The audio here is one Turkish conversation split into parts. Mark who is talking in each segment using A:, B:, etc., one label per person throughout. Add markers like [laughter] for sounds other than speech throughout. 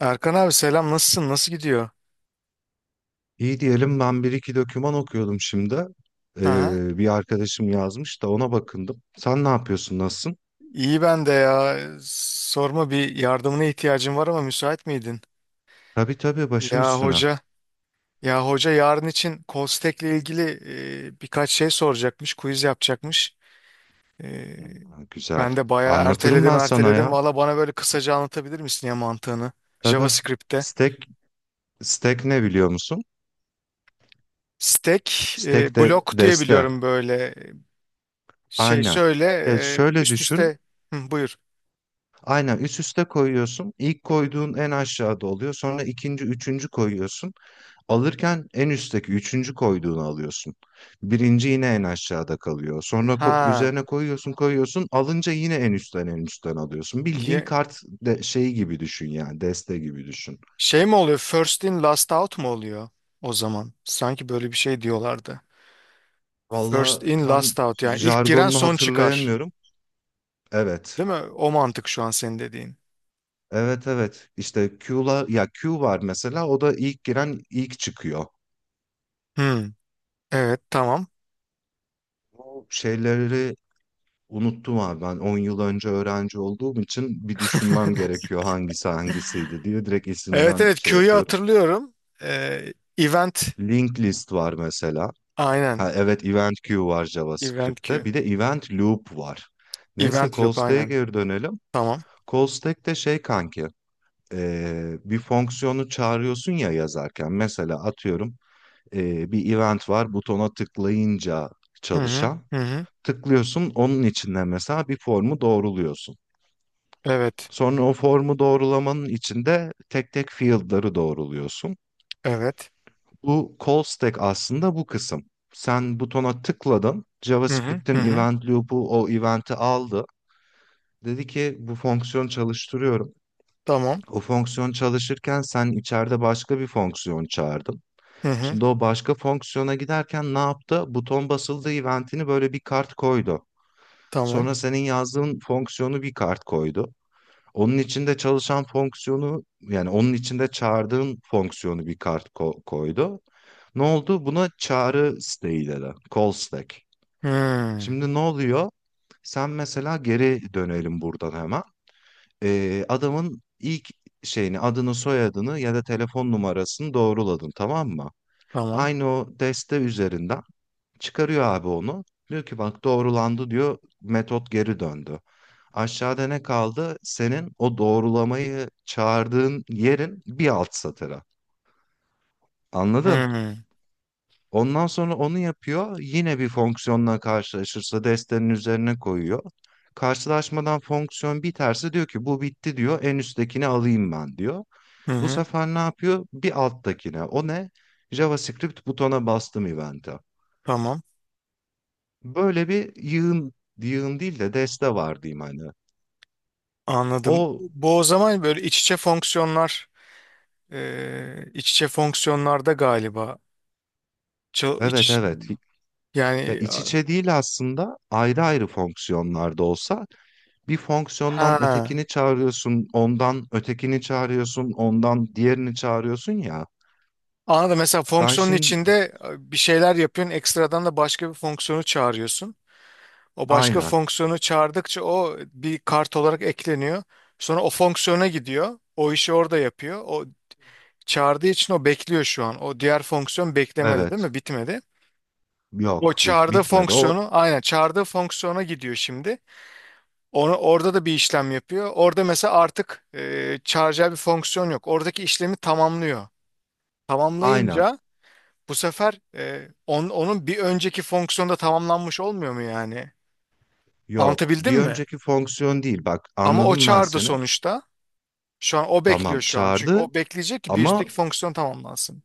A: Erkan abi selam, nasılsın, nasıl gidiyor?
B: İyi diyelim ben bir iki doküman okuyordum şimdi.
A: Aha.
B: Bir arkadaşım yazmış da ona bakındım. Sen ne yapıyorsun, nasılsın?
A: İyi, ben de ya, sorma, bir yardımına ihtiyacım var ama müsait miydin?
B: Tabii tabii, başım
A: Ya
B: üstüne. Ha,
A: hoca, ya hoca yarın için Kostek'le ilgili birkaç şey soracakmış, quiz yapacakmış. E,
B: güzel.
A: Ben de bayağı
B: Anlatırım
A: erteledim
B: ben sana
A: erteledim
B: ya.
A: valla bana böyle kısaca anlatabilir misin ya mantığını,
B: Tabii.
A: JavaScript'te?
B: Stack, stack ne biliyor musun?
A: Stack,
B: Stack de
A: blok diye
B: deste.
A: biliyorum böyle, şey
B: Aynen.
A: şöyle,
B: Ya şöyle
A: üst
B: düşün.
A: üste. Hı, buyur.
B: Aynen üst üste koyuyorsun. İlk koyduğun en aşağıda oluyor. Sonra ikinci, üçüncü koyuyorsun. Alırken en üstteki üçüncü koyduğunu alıyorsun. Birinci yine en aşağıda kalıyor. Sonra
A: Ha.
B: üzerine koyuyorsun koyuyorsun. Alınca yine en üstten en üstten alıyorsun. Bildiğin
A: Ye,
B: kart de şeyi gibi düşün, yani deste gibi düşün.
A: şey mi oluyor? First in last out mu oluyor o zaman? Sanki böyle bir şey diyorlardı.
B: Valla
A: First in last
B: tam
A: out, yani ilk giren
B: jargonunu
A: son çıkar.
B: hatırlayamıyorum. Evet.
A: Değil mi? O mantık şu an senin dediğin.
B: Evet evet. İşte Q'la, ya Q var mesela, o da ilk giren ilk çıkıyor.
A: Hmm, evet, tamam.
B: Bu şeyleri unuttum abi, ben 10 yıl önce öğrenci olduğum için bir düşünmem gerekiyor hangisi hangisiydi diye, direkt
A: Evet
B: isimden
A: evet,
B: şey
A: Q'yu
B: yapıyorum.
A: hatırlıyorum. Event
B: Linked list var mesela. Ha
A: aynen.
B: evet, event queue var
A: Event
B: JavaScript'te.
A: Q.
B: Bir de event loop var. Neyse,
A: Event
B: call
A: loop
B: stack'e
A: aynen.
B: geri dönelim.
A: Tamam.
B: Call stack de şey kanki, bir fonksiyonu çağırıyorsun ya yazarken. Mesela atıyorum, bir event var butona tıklayınca
A: Hı hı
B: çalışan.
A: hı hı.
B: Tıklıyorsun, onun içinde mesela bir formu doğruluyorsun.
A: Evet.
B: Sonra o formu doğrulamanın içinde tek tek field'ları doğruluyorsun.
A: Evet.
B: Bu call stack aslında bu kısım. Sen butona tıkladın,
A: Hı hı hı
B: JavaScript'in
A: hı.
B: event loop'u o event'i aldı. Dedi ki bu fonksiyon çalıştırıyorum.
A: Tamam.
B: O fonksiyon çalışırken sen içeride başka bir fonksiyon çağırdın.
A: Hı hı.
B: Şimdi o başka fonksiyona giderken ne yaptı? Buton basıldı event'ini böyle bir kart koydu.
A: Tamam.
B: Sonra senin yazdığın fonksiyonu bir kart koydu. Onun içinde çalışan fonksiyonu, yani onun içinde çağırdığın fonksiyonu bir kart koydu. Ne oldu? Buna çağrı stack dedi. Call stack.
A: Hmm,
B: Şimdi ne oluyor? Sen mesela geri dönelim buradan hemen. Adamın ilk şeyini, adını soyadını ya da telefon numarasını doğruladın, tamam mı?
A: tamam.
B: Aynı o deste üzerinden çıkarıyor abi onu. Diyor ki bak doğrulandı diyor. Metot geri döndü. Aşağıda ne kaldı? Senin o doğrulamayı çağırdığın yerin bir alt satırı.
A: Hı
B: Anladın?
A: hı
B: Ondan sonra onu yapıyor. Yine bir fonksiyonla karşılaşırsa destenin üzerine koyuyor. Karşılaşmadan fonksiyon biterse diyor ki bu bitti diyor. En üsttekini alayım ben diyor.
A: hı
B: Bu
A: hı.
B: sefer ne yapıyor? Bir alttakine. O ne? JavaScript, butona bastım event'e.
A: Tamam.
B: Böyle bir yığın, yığın değil de deste var diyeyim hani.
A: Anladım.
B: O,
A: Bu o zaman böyle iç içe fonksiyonlar, iç içe fonksiyonlarda galiba. Çal-
B: evet
A: iç,
B: evet, ya
A: yani
B: iç
A: a-
B: içe değil aslında, ayrı ayrı fonksiyonlarda olsa bir fonksiyondan
A: ha.
B: ötekini çağırıyorsun, ondan ötekini çağırıyorsun, ondan diğerini çağırıyorsun ya.
A: Anladım. Mesela
B: Ben
A: fonksiyonun
B: şimdi
A: içinde bir şeyler yapıyorsun, ekstradan da başka bir fonksiyonu çağırıyorsun. O başka
B: aynen
A: fonksiyonu çağırdıkça o bir kart olarak ekleniyor. Sonra o fonksiyona gidiyor. O işi orada yapıyor. O çağırdığı için o bekliyor şu an. O diğer fonksiyon beklemedi, değil
B: evet,
A: mi? Bitmedi. O
B: yok
A: çağırdığı
B: bitmedi o
A: fonksiyonu, aynen çağırdığı fonksiyona gidiyor şimdi. Onu, orada da bir işlem yapıyor. Orada mesela artık çağıracağı bir fonksiyon yok. Oradaki işlemi tamamlıyor.
B: aynen,
A: Tamamlayınca bu sefer onun bir önceki fonksiyonda tamamlanmış olmuyor mu yani?
B: yok
A: Anlatabildim
B: bir
A: mi?
B: önceki fonksiyon değil, bak
A: Ama o
B: anladım ben
A: çağırdı
B: seni.
A: sonuçta. Şu an o bekliyor
B: Tamam
A: şu an. Çünkü
B: çağırdı
A: o bekleyecek ki bir üstteki
B: ama,
A: fonksiyon tamamlansın.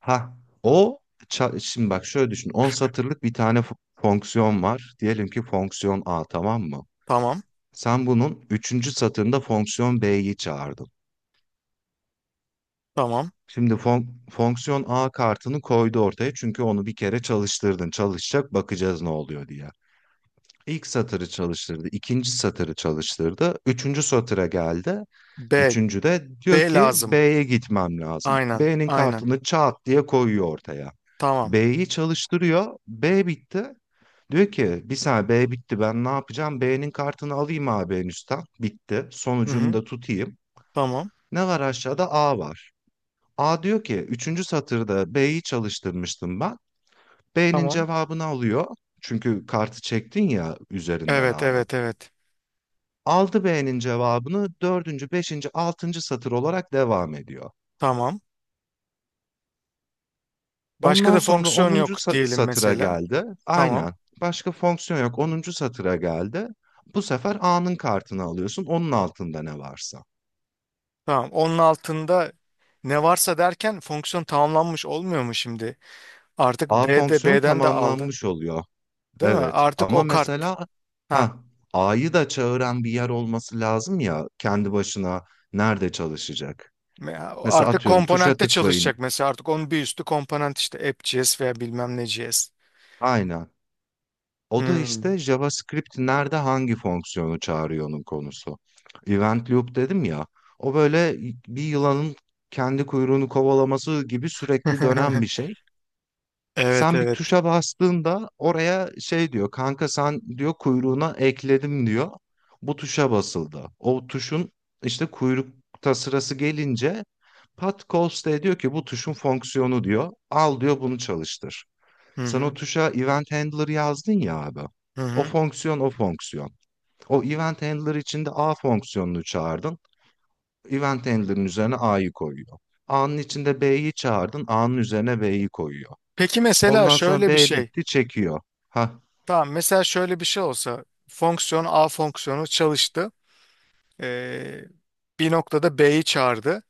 B: ha o şimdi bak şöyle düşün. 10 satırlık bir tane fonksiyon var. Diyelim ki fonksiyon A, tamam mı?
A: Tamam,
B: Sen bunun üçüncü satırında fonksiyon B'yi çağırdın.
A: tamam.
B: Şimdi fonksiyon A kartını koydu ortaya, çünkü onu bir kere çalıştırdın. Çalışacak, bakacağız ne oluyor diye. İlk satırı çalıştırdı, ikinci satırı çalıştırdı, üçüncü satıra geldi.
A: B,
B: Üçüncü de diyor
A: B
B: ki
A: lazım.
B: B'ye gitmem lazım.
A: Aynen,
B: B'nin
A: aynen.
B: kartını çat diye koyuyor ortaya.
A: Tamam.
B: B'yi çalıştırıyor. B bitti. Diyor ki bir saniye B bitti ben ne yapacağım? B'nin kartını alayım abi en üstten. Bitti.
A: Hı
B: Sonucunu
A: hı,
B: da tutayım.
A: tamam,
B: Ne var aşağıda? A var. A diyor ki üçüncü satırda B'yi çalıştırmıştım ben. B'nin
A: tamam.
B: cevabını alıyor. Çünkü kartı çektin ya üzerinden
A: Evet,
B: A'nın.
A: evet, evet.
B: Aldı B'nin cevabını, dördüncü, beşinci, altıncı satır olarak devam ediyor.
A: Tamam. Başka
B: Ondan
A: da
B: sonra
A: fonksiyon
B: onuncu
A: yok diyelim
B: satıra
A: mesela.
B: geldi.
A: Tamam.
B: Aynen. Başka fonksiyon yok. Onuncu satıra geldi. Bu sefer A'nın kartını alıyorsun. Onun altında ne varsa.
A: Tamam. Onun altında ne varsa derken fonksiyon tamamlanmış olmuyor mu şimdi? Artık
B: A
A: B'de,
B: fonksiyonu
A: B'den de aldı.
B: tamamlanmış oluyor.
A: Değil mi?
B: Evet.
A: Artık
B: Ama
A: o kart.
B: mesela,
A: Ha.
B: ha, A'yı da çağıran bir yer olması lazım ya, kendi başına nerede çalışacak?
A: Me-
B: Mesela
A: artık
B: atıyorum, tuşa
A: komponentte
B: tıklayın.
A: çalışacak mesela. Artık onun bir üstü komponent, işte app.js veya bilmem ne JS.
B: Aynen. O da
A: Hmm.
B: işte JavaScript nerede hangi fonksiyonu çağırıyor'nun konusu. Event loop dedim ya. O böyle bir yılanın kendi kuyruğunu kovalaması gibi sürekli dönen bir
A: [laughs]
B: şey.
A: Evet
B: Sen bir
A: evet.
B: tuşa bastığında oraya şey diyor kanka, sen diyor kuyruğuna ekledim diyor. Bu tuşa basıldı. O tuşun işte kuyrukta sırası gelince, Pat Coste diyor ki bu tuşun fonksiyonu diyor. Al diyor bunu çalıştır.
A: Hı
B: Sen o
A: hı.
B: tuşa event handler yazdın ya abi.
A: Hı
B: O
A: hı.
B: fonksiyon o fonksiyon. O event handler içinde A fonksiyonunu çağırdın. Event handler'ın üzerine A'yı koyuyor. A'nın içinde B'yi çağırdın. A'nın üzerine B'yi koyuyor.
A: Peki mesela
B: Ondan sonra
A: şöyle bir
B: B
A: şey.
B: bitti çekiyor. Ha,
A: Tamam, mesela şöyle bir şey olsa, fonksiyon A fonksiyonu çalıştı. Ee, bir noktada B'yi çağırdı.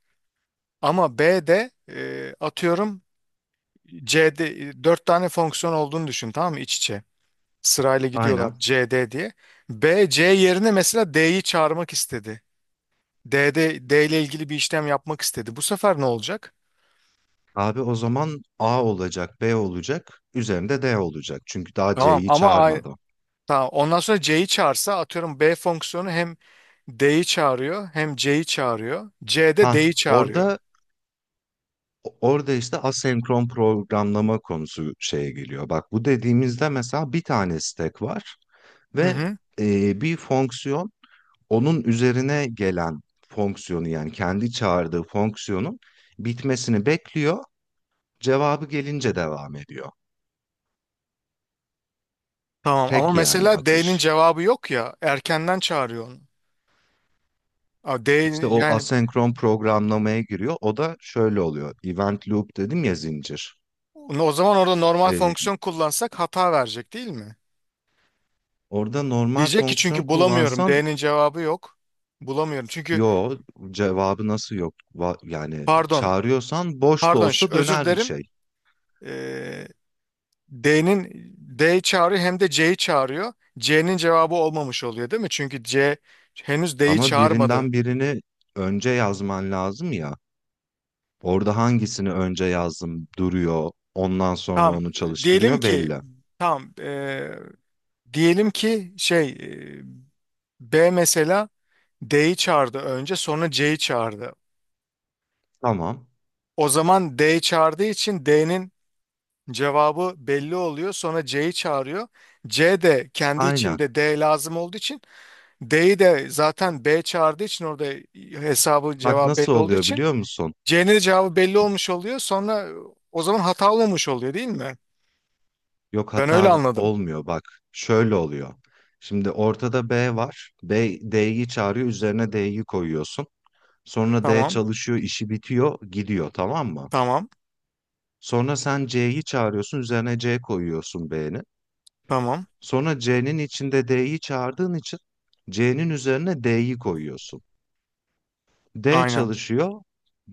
A: Ama B'de, atıyorum C'de, 4 tane fonksiyon olduğunu düşün, tamam mı, iç içe. Sırayla
B: aynen.
A: gidiyorlar, C D diye. B, C yerine mesela D'yi çağırmak istedi. D'de D ile ilgili bir işlem yapmak istedi. Bu sefer ne olacak?
B: Abi o zaman A olacak, B olacak, üzerinde D olacak. Çünkü daha
A: Tamam
B: C'yi
A: ama ay-
B: çağırmadım.
A: tamam. Ondan sonra C'yi çağırsa, atıyorum B fonksiyonu hem D'yi çağırıyor hem C'yi çağırıyor.
B: Ha,
A: C'de D'yi çağırıyor.
B: orada işte asenkron programlama konusu şeye geliyor. Bak bu dediğimizde mesela bir tane stack var
A: Hı
B: ve
A: hı.
B: bir fonksiyon onun üzerine gelen fonksiyonu, yani kendi çağırdığı fonksiyonun bitmesini bekliyor. Cevabı gelince devam ediyor.
A: Tamam ama
B: Tek yani
A: mesela D'nin
B: akış.
A: cevabı yok ya, erkenden çağırıyor onu. A, D
B: İşte o
A: yani,
B: asenkron programlamaya giriyor. O da şöyle oluyor. Event loop dedim ya zincir.
A: o zaman orada normal
B: Ee,
A: fonksiyon kullansak hata verecek değil mi?
B: Orada normal
A: Diyecek ki
B: fonksiyon
A: çünkü bulamıyorum.
B: kullansan,
A: D'nin cevabı yok. Bulamıyorum. Çünkü
B: yo, cevabı nasıl yok? Yani
A: pardon,
B: çağırıyorsan boş da
A: pardon ş-
B: olsa
A: özür
B: döner bir
A: dilerim.
B: şey.
A: Ee, D'nin, D'yi çağırıyor hem de C'yi çağırıyor. C'nin cevabı olmamış oluyor değil mi? Çünkü C henüz D'yi
B: Ama
A: çağırmadı.
B: birinden birini önce yazman lazım ya. Orada hangisini önce yazdım duruyor. Ondan sonra
A: Tamam.
B: onu
A: Diyelim
B: çalıştırıyor
A: ki
B: belli.
A: tamam. Diyelim ki şey, B mesela D'yi çağırdı önce, sonra C'yi çağırdı.
B: Tamam.
A: O zaman D çağırdığı için D'nin cevabı belli oluyor. Sonra C'yi çağırıyor. C de kendi
B: Aynen.
A: içinde D lazım olduğu için, D'yi de zaten B çağırdığı için, orada hesabı
B: Bak
A: cevabı
B: nasıl
A: belli olduğu
B: oluyor
A: için
B: biliyor musun?
A: C'nin de cevabı belli olmuş oluyor. Sonra o zaman hata olmamış oluyor değil mi?
B: Yok
A: Ben öyle
B: hata
A: anladım.
B: olmuyor bak. Şöyle oluyor. Şimdi ortada B var. B D'yi çağırıyor. Üzerine D'yi koyuyorsun. Sonra D
A: Tamam.
B: çalışıyor, işi bitiyor, gidiyor, tamam mı?
A: Tamam.
B: Sonra sen C'yi çağırıyorsun. Üzerine C koyuyorsun B'nin.
A: Tamam.
B: Sonra C'nin içinde D'yi çağırdığın için C'nin üzerine D'yi koyuyorsun. D
A: Aynen.
B: çalışıyor.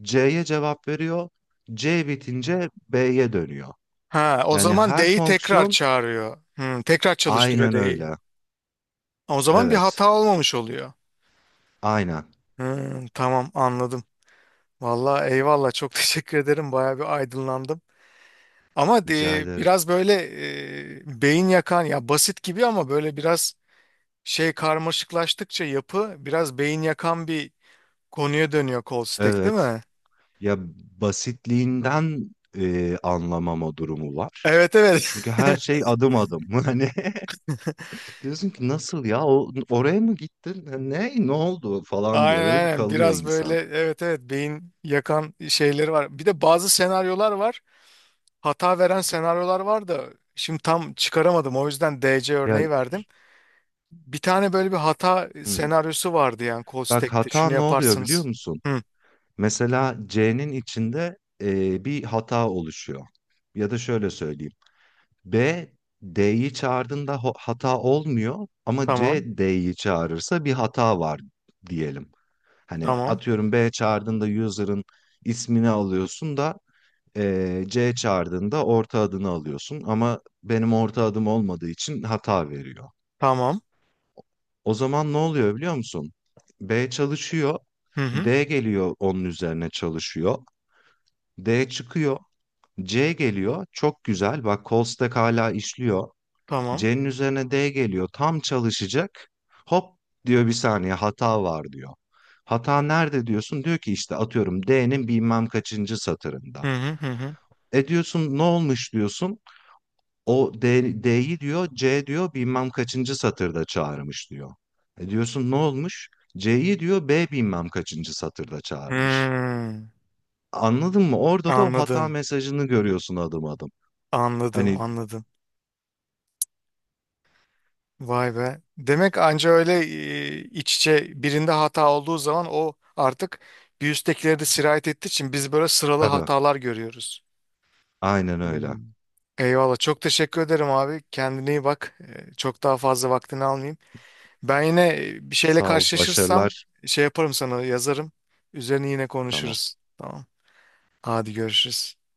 B: C'ye cevap veriyor. C bitince B'ye dönüyor.
A: Ha, o
B: Yani
A: zaman
B: her
A: D'yi tekrar
B: fonksiyon
A: çağırıyor. Hmm, tekrar çalıştırıyor
B: aynen
A: D'yi.
B: öyle.
A: O zaman bir
B: Evet.
A: hata olmamış oluyor.
B: Aynen.
A: Hmm, tamam, anladım. Vallahi eyvallah, çok [laughs] teşekkür ederim. Bayağı bir aydınlandım. Ama
B: Rica
A: de,
B: ederim.
A: biraz böyle beyin yakan ya, basit gibi ama böyle biraz şey, karmaşıklaştıkça yapı biraz beyin yakan bir konuya dönüyor kol stack, değil
B: Evet.
A: mi?
B: Ya basitliğinden anlamama durumu var.
A: Evet
B: Çünkü
A: evet.
B: her şey adım adım. [laughs] Hani diyorsun ki nasıl ya, oraya mı gittin? Ne oldu
A: [laughs]
B: falan
A: Aynen
B: diye böyle bir
A: aynen.
B: kalıyor
A: Biraz böyle,
B: insan.
A: evet evet, beyin yakan şeyleri var. Bir de bazı senaryolar var. Hata veren senaryolar var da şimdi tam çıkaramadım. O yüzden DC
B: Ya,
A: örneği verdim. Bir tane böyle bir hata
B: hı.
A: senaryosu vardı yani kol
B: Bak
A: stack'te.
B: hata
A: Şunu
B: ne oluyor biliyor
A: yaparsınız.
B: musun?
A: Hı,
B: Mesela C'nin içinde bir hata oluşuyor. Ya da şöyle söyleyeyim. B D'yi çağırdığında hata olmuyor ama C
A: tamam.
B: D'yi çağırırsa bir hata var diyelim. Hani
A: Tamam.
B: atıyorum B çağırdığında user'ın ismini alıyorsun da C çağırdığında orta adını alıyorsun ama benim orta adım olmadığı için hata veriyor.
A: Tamam.
B: O zaman ne oluyor biliyor musun? B çalışıyor,
A: Hı hı.
B: D geliyor onun üzerine çalışıyor, D çıkıyor, C geliyor, çok güzel bak call stack hala işliyor.
A: Tamam.
B: C'nin üzerine D geliyor. Tam çalışacak. Hop diyor bir saniye hata var diyor. Hata nerede diyorsun? Diyor ki işte atıyorum D'nin bilmem kaçıncı satırında.
A: Hı hı hı hı.
B: E diyorsun ne olmuş diyorsun. O D, D'yi diyor C diyor bilmem kaçıncı satırda çağırmış diyor. E diyorsun ne olmuş? C'yi diyor B bilmem kaçıncı satırda çağırmış.
A: Hmm.
B: Anladın mı? Orada da o hata
A: Anladım.
B: mesajını görüyorsun adım adım.
A: Anladım,
B: Hani
A: anladım. Vay be. Demek anca öyle iç içe birinde hata olduğu zaman, o artık bir üsttekileri de sirayet ettiği için biz böyle sıralı
B: tabii
A: hatalar görüyoruz.
B: aynen öyle.
A: Hmm. Eyvallah. Çok teşekkür ederim abi. Kendine iyi bak. Çok daha fazla vaktini almayayım. Ben yine bir şeyle
B: Sağ ol,
A: karşılaşırsam
B: başarılar.
A: şey yaparım, sana yazarım. Üzerine yine
B: Tamam.
A: konuşuruz. Tamam. Hadi görüşürüz.